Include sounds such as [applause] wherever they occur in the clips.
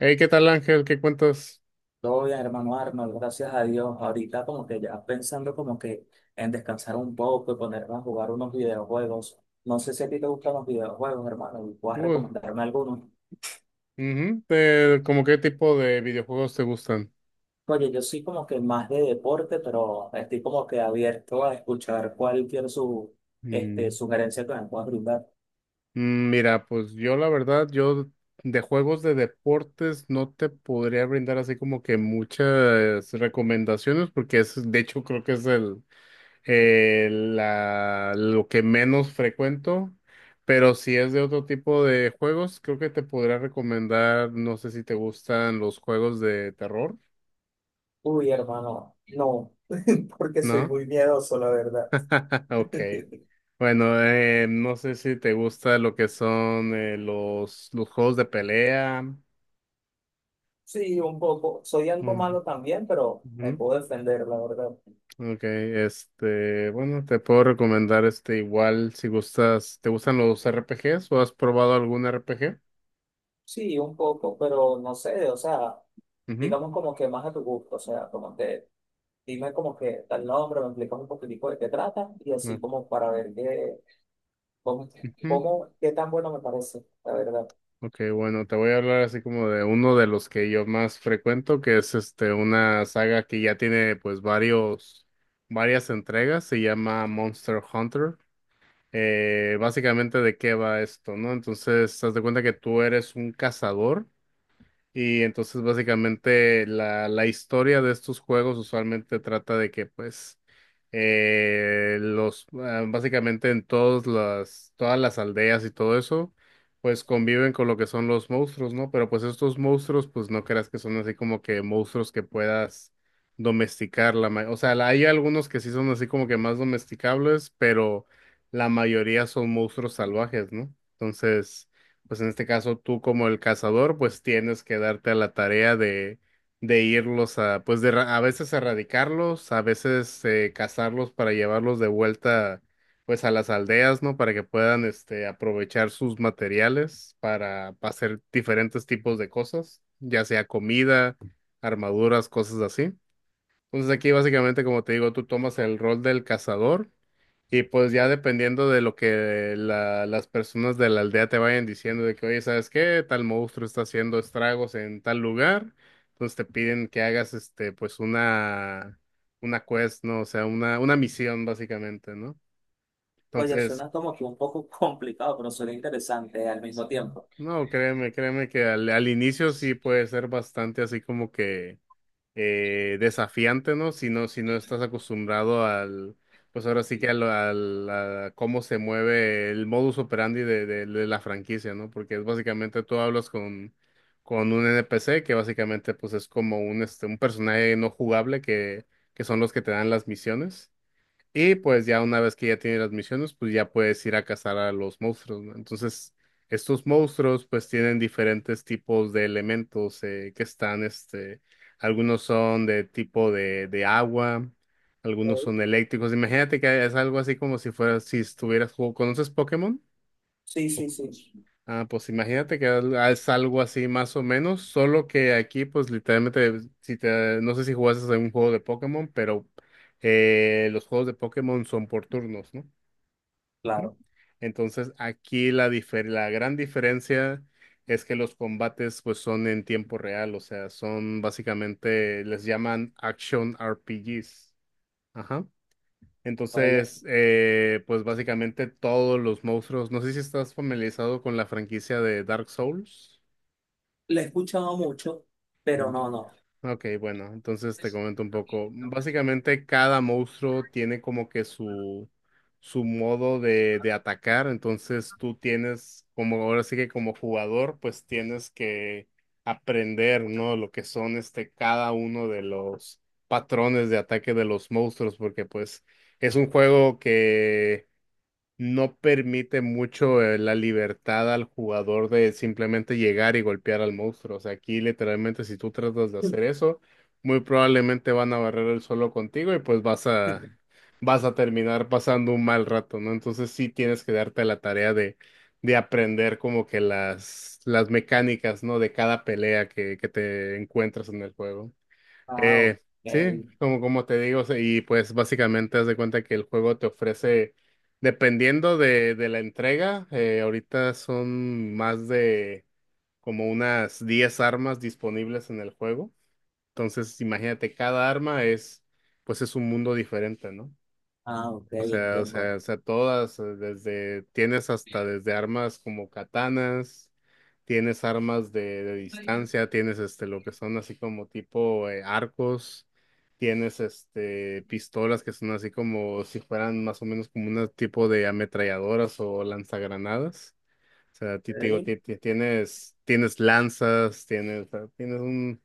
Hey, ¿qué tal, Ángel? ¿Qué cuentas? Todo bien, hermano Arnold, gracias a Dios. Ahorita como que ya pensando como que en descansar un poco y ponerme a jugar unos videojuegos. No sé si a ti te gustan los videojuegos, hermano, y puedas Uh, recomendarme alguno. ujú. ¿Cómo qué tipo de videojuegos te gustan? Oye, yo soy como que más de deporte, pero estoy como que abierto a escuchar cualquier Mm, sugerencia que me puedas brindar. Mira, pues yo la verdad, yo de juegos de deportes no te podría brindar así como que muchas recomendaciones porque es, de hecho, creo que es lo que menos frecuento. Pero si es de otro tipo de juegos, creo que te podría recomendar, no sé si te gustan los juegos de terror, Uy, hermano, no, [laughs] porque soy ¿no? muy miedoso, la verdad. [laughs] Ok. [laughs] Bueno, no sé si te gusta lo que son los juegos de pelea. Sí, un poco. Soy algo Mm, malo también, pero me ujú. puedo defender, la verdad. Ok, este, bueno, te puedo recomendar este igual si gustas, ¿te gustan los R P RPGs o has probado algún RPG? Sí, un poco, pero no sé, o sea, Ujú, digamos como que más a tu gusto, o sea, como que dime como que tal nombre, me explicas un poquitico de qué trata y así no, como para ver qué, cómo, ujú. Qué tan bueno me parece, la verdad. Ok, bueno, te voy a hablar así como de uno de los que yo más frecuento, que es este una saga que ya tiene pues varias entregas, se llama Monster Hunter. Básicamente de qué va esto, ¿no? Entonces, haz de cuenta que tú eres un cazador. Y entonces básicamente la historia de estos juegos usualmente trata de que pues básicamente en todas las aldeas y todo eso pues conviven con lo que son los monstruos, ¿no? Pero pues estos monstruos pues no creas que son así como que monstruos que puedas domesticar la ma- o sea, la- hay algunos que sí son así como que más domesticables, pero la mayoría son monstruos salvajes, ¿no? Entonces pues en este caso tú como el cazador, pues tienes que darte a la tarea de irlos a, pues de, a veces erradicarlos, a veces cazarlos para llevarlos de vuelta, pues a las aldeas, ¿no? Para que puedan, este, aprovechar sus materiales para, pa hacer diferentes tipos de cosas, ya sea comida, armaduras, cosas así. Entonces aquí básicamente, como te digo, tú tomas el rol del cazador. Y pues ya dependiendo de lo que las personas de la aldea te vayan diciendo de que, oye, ¿sabes qué? Tal monstruo está haciendo estragos en tal lugar. Entonces te piden que hagas este, pues una quest, ¿no? O sea, una misión básicamente, ¿no? Oye, Entonces, suena como que un poco [laughs] complicado, pero suena interesante al mismo tiempo. no, créeme, créeme que al inicio sí puede ser bastante así como que desafiante, ¿no? Si no, si no estás acostumbrado al, pues ahora sí que a cómo se mueve el modus operandi de, de la franquicia, ¿no? Porque es básicamente tú hablas con un NPC que básicamente pues es como un, este, un personaje no jugable que son los que te dan las misiones. Y pues ya una vez que ya tienes las misiones, pues ya puedes ir a cazar a los monstruos, ¿no? Entonces, estos monstruos pues tienen diferentes tipos de elementos que están, este, algunos son de tipo de agua, algunos Ok. son eléctricos. Imagínate que es algo así como si fuera, si estuvieras, ¿conoces Pokémon? Sí, sí, sí. Ah, pues imagínate que es algo así más o menos, solo que aquí pues literalmente, si te, no sé si jugases a un juego de Pokémon, pero los juegos de Pokémon son por turnos, ¿no? Ujú. Claro, Entonces aquí la gran diferencia es que los combates pues son en tiempo real, o sea, son básicamente, les llaman Action RPGs. Ajá. vale. Entonces, pues básicamente todos los monstruos, no sé si estás familiarizado con la franquicia de Dark Souls. Le he escuchado mucho, pero Mm. no, no. Ok, bueno, entonces te comento un poco. [laughs] Básicamente cada monstruo tiene como que su modo de atacar, entonces tú tienes, como ahora sí que como jugador, pues tienes que aprender, ¿no? Lo que son este, cada uno de los patrones de ataque de los monstruos, porque pues es un juego no permite mucho la libertad al jugador de simplemente llegar y golpear al monstruo. O sea, aquí literalmente si tú tratas de hacer eso, muy probablemente van a barrer el suelo contigo y pues vas a terminar pasando un mal rato, ¿no? Entonces sí tienes que darte la tarea de aprender como que las mecánicas, ¿no? De cada pelea que te encuentras en el juego. Ah, ok. Eh, sí, como, como te digo, y pues básicamente haz de cuenta que el juego te ofrece, dependiendo de la entrega, ahorita son más de como unas 10 armas disponibles en el juego. Entonces, imagínate, cada arma es, pues es un mundo diferente, ¿no? Ah, ok, O sea, entiendo. Todas, desde, tienes hasta desde armas como katanas, tienes armas de distancia, tienes este, lo que son así como tipo arcos, tienes este, pistolas que son así como si fueran más o menos como un tipo de ametralladoras o lanzagranadas. O sea, te digo, Ok. Tienes, tienes lanzas, tienes, tienes un,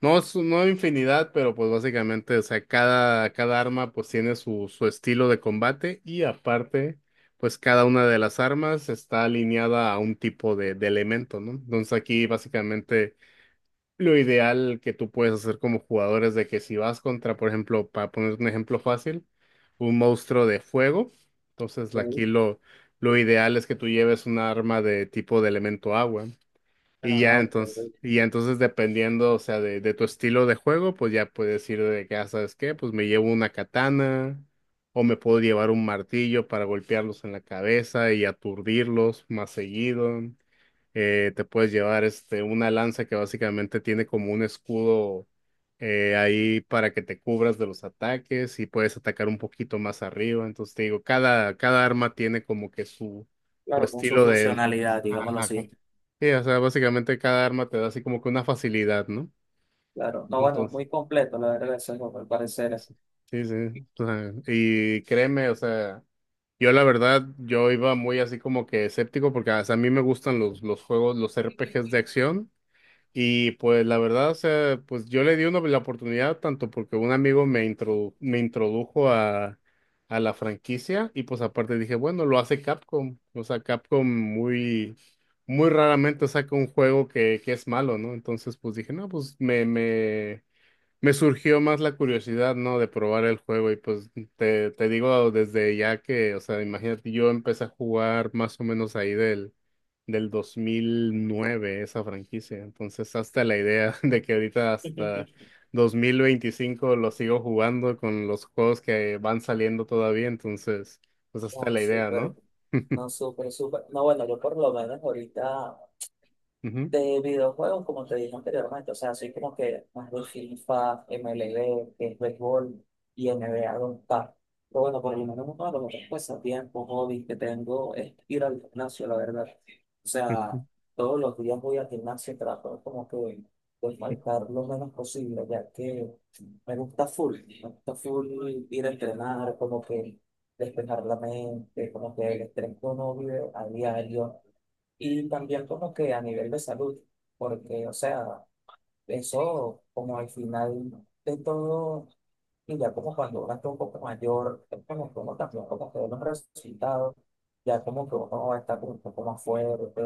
no, no infinidad, pero pues básicamente, o sea, cada arma pues tiene su, su estilo de combate y aparte, pues cada una de las armas está alineada a un tipo de elemento, ¿no? Entonces aquí básicamente lo ideal que tú puedes hacer como jugador es de que si vas contra, por ejemplo, para poner un ejemplo fácil, un monstruo de fuego, entonces aquí Ok. Lo ideal es que tú lleves un arma de tipo de elemento agua. Ah, ok, ok. Y ya entonces dependiendo, o sea, de tu estilo de juego, pues ya puedes ir de que, ah, ¿sabes qué? Pues me llevo una katana o me puedo llevar un martillo para golpearlos en la cabeza y aturdirlos más seguido. Te puedes llevar este, una lanza que básicamente tiene como un escudo ahí para que te cubras de los ataques y puedes atacar un poquito más arriba. Entonces te digo, cada arma tiene como que su Claro, con su estilo de... funcionalidad, digámoslo Ajá, así. sí, o sea, básicamente cada arma te da así como que una facilidad, ¿no? Claro, no, bueno, Entonces, muy completo, la verdad, ese juego, al parecer. eso. Sí, sí. O sea, y créeme, o sea, yo la verdad, yo iba muy así como que escéptico porque o sea, a mí me gustan los juegos, los RPGs de acción. Y pues la verdad, o sea, pues yo le di una, la oportunidad tanto porque un amigo me, me introdujo a la franquicia y pues aparte dije, bueno, lo hace Capcom. O sea, Capcom muy, muy raramente saca un juego que es malo, ¿no? Entonces pues dije, no, pues me surgió más la curiosidad, ¿no? De probar el juego y pues te digo desde ya que, o sea, imagínate, yo empecé a jugar más o menos ahí del, del 2009 esa franquicia, entonces hasta la idea [laughs] de que ahorita hasta [laughs] 2025 lo sigo jugando con los juegos que van saliendo todavía, entonces, pues hasta No, la idea, súper, ¿no? no, súper, súper. No, bueno, yo por lo menos ahorita. Ujú, De videojuegos, como te dije anteriormente, o sea, soy como que más de FIFA, MLB, que es béisbol, y NBA 2K. Pero bueno, por lo menos uno de los otros pasatiempos, hobbies que tengo es ir al gimnasio, la verdad. O sea, ujú, todos los días voy al gimnasio y trato como que de faltar lo menos posible, ya que me gusta full, me gusta full ir a entrenar, como que despejar la mente, como que el estrés que uno vive a diario y también como que a nivel de salud, porque, o sea, eso como al final de todo, y ya como cuando uno está un poco mayor, es como que uno también como que ve los resultados, ya como que uno está como un poco más fuerte,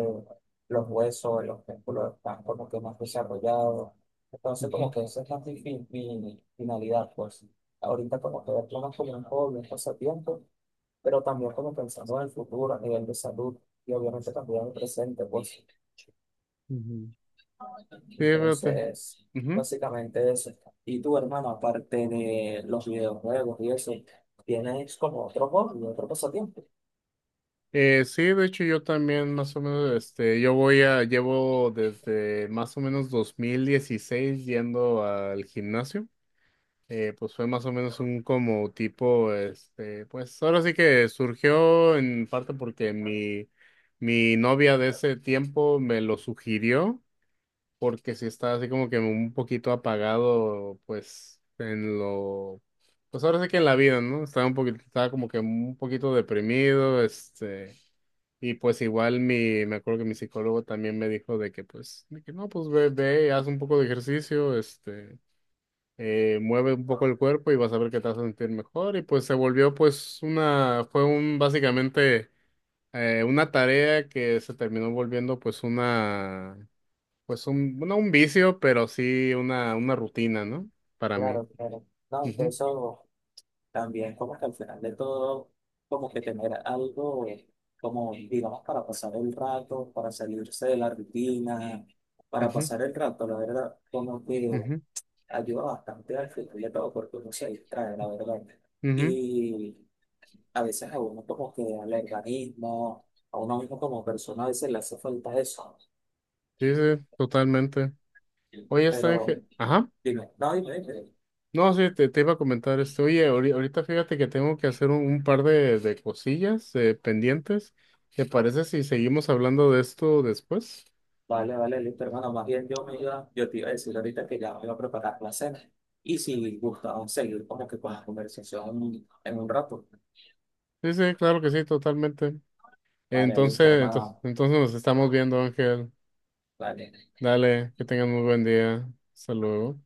los huesos, los músculos están como que más desarrollados. Entonces como ujú, que esa es mi finalidad, pues. Ahorita como que verlo más como un hobby, un pasatiempo, pero también como pensando en el futuro a nivel de salud y obviamente también en el presente, pues. ujú. Sí, Entonces, fíjate. básicamente eso. Y tu hermano, aparte de los videojuegos y eso, tienes como otro hobby, otro pasatiempo. Sí, de hecho yo también más o menos, este, yo voy a, llevo desde más o menos 2016 yendo al gimnasio. Pues fue más o menos un como tipo, este, pues ahora sí que surgió en parte porque mi novia de ese tiempo me lo sugirió, porque sí estaba así como que un poquito apagado, pues en lo, pues ahora sí que en la vida, ¿no? Estaba un poquito, estaba como que un poquito deprimido, este. Y pues igual mi, me acuerdo que mi psicólogo también me dijo de que pues, de que no, pues ve, ve, haz un poco de ejercicio, este, mueve un poco el cuerpo y vas a ver que te vas a sentir mejor. Y pues se volvió pues una, fue un, básicamente, una tarea que se terminó volviendo pues una, pues un, no un vicio, pero sí una rutina, ¿no? Para mí. Claro, claro. No, que Ujú, eso también como que al final de todo, como que tener algo, como digamos, para pasar el rato, para salirse de la rutina, para ujú, pasar el rato, la verdad, como que ujú, ayuda bastante al final de todo, porque uno se distrae, la verdad. ujú. Y a veces a uno como que al organismo, a uno mismo como persona, a veces le hace falta eso. Sí, sí, totalmente. Oye, está, Pero Ángel. Ajá. dime, no, dime, dime. No, sí, te iba a comentar esto. Oye, ahorita fíjate que tengo que hacer un par de cosillas pendientes. ¿Te parece si seguimos hablando de esto después? Vale, vale, listo, hermano. Más bien yo me iba, yo te iba a decir ahorita que ya me iba a preparar la cena. Y si gustaba seguir como que con la conversación en un rato. Sí, sí, claro que sí, totalmente. Vale, listo, Entonces, entonces, hermano. entonces nos estamos viendo, Ángel. Vale. Dale, que tengan muy buen día. Hasta luego.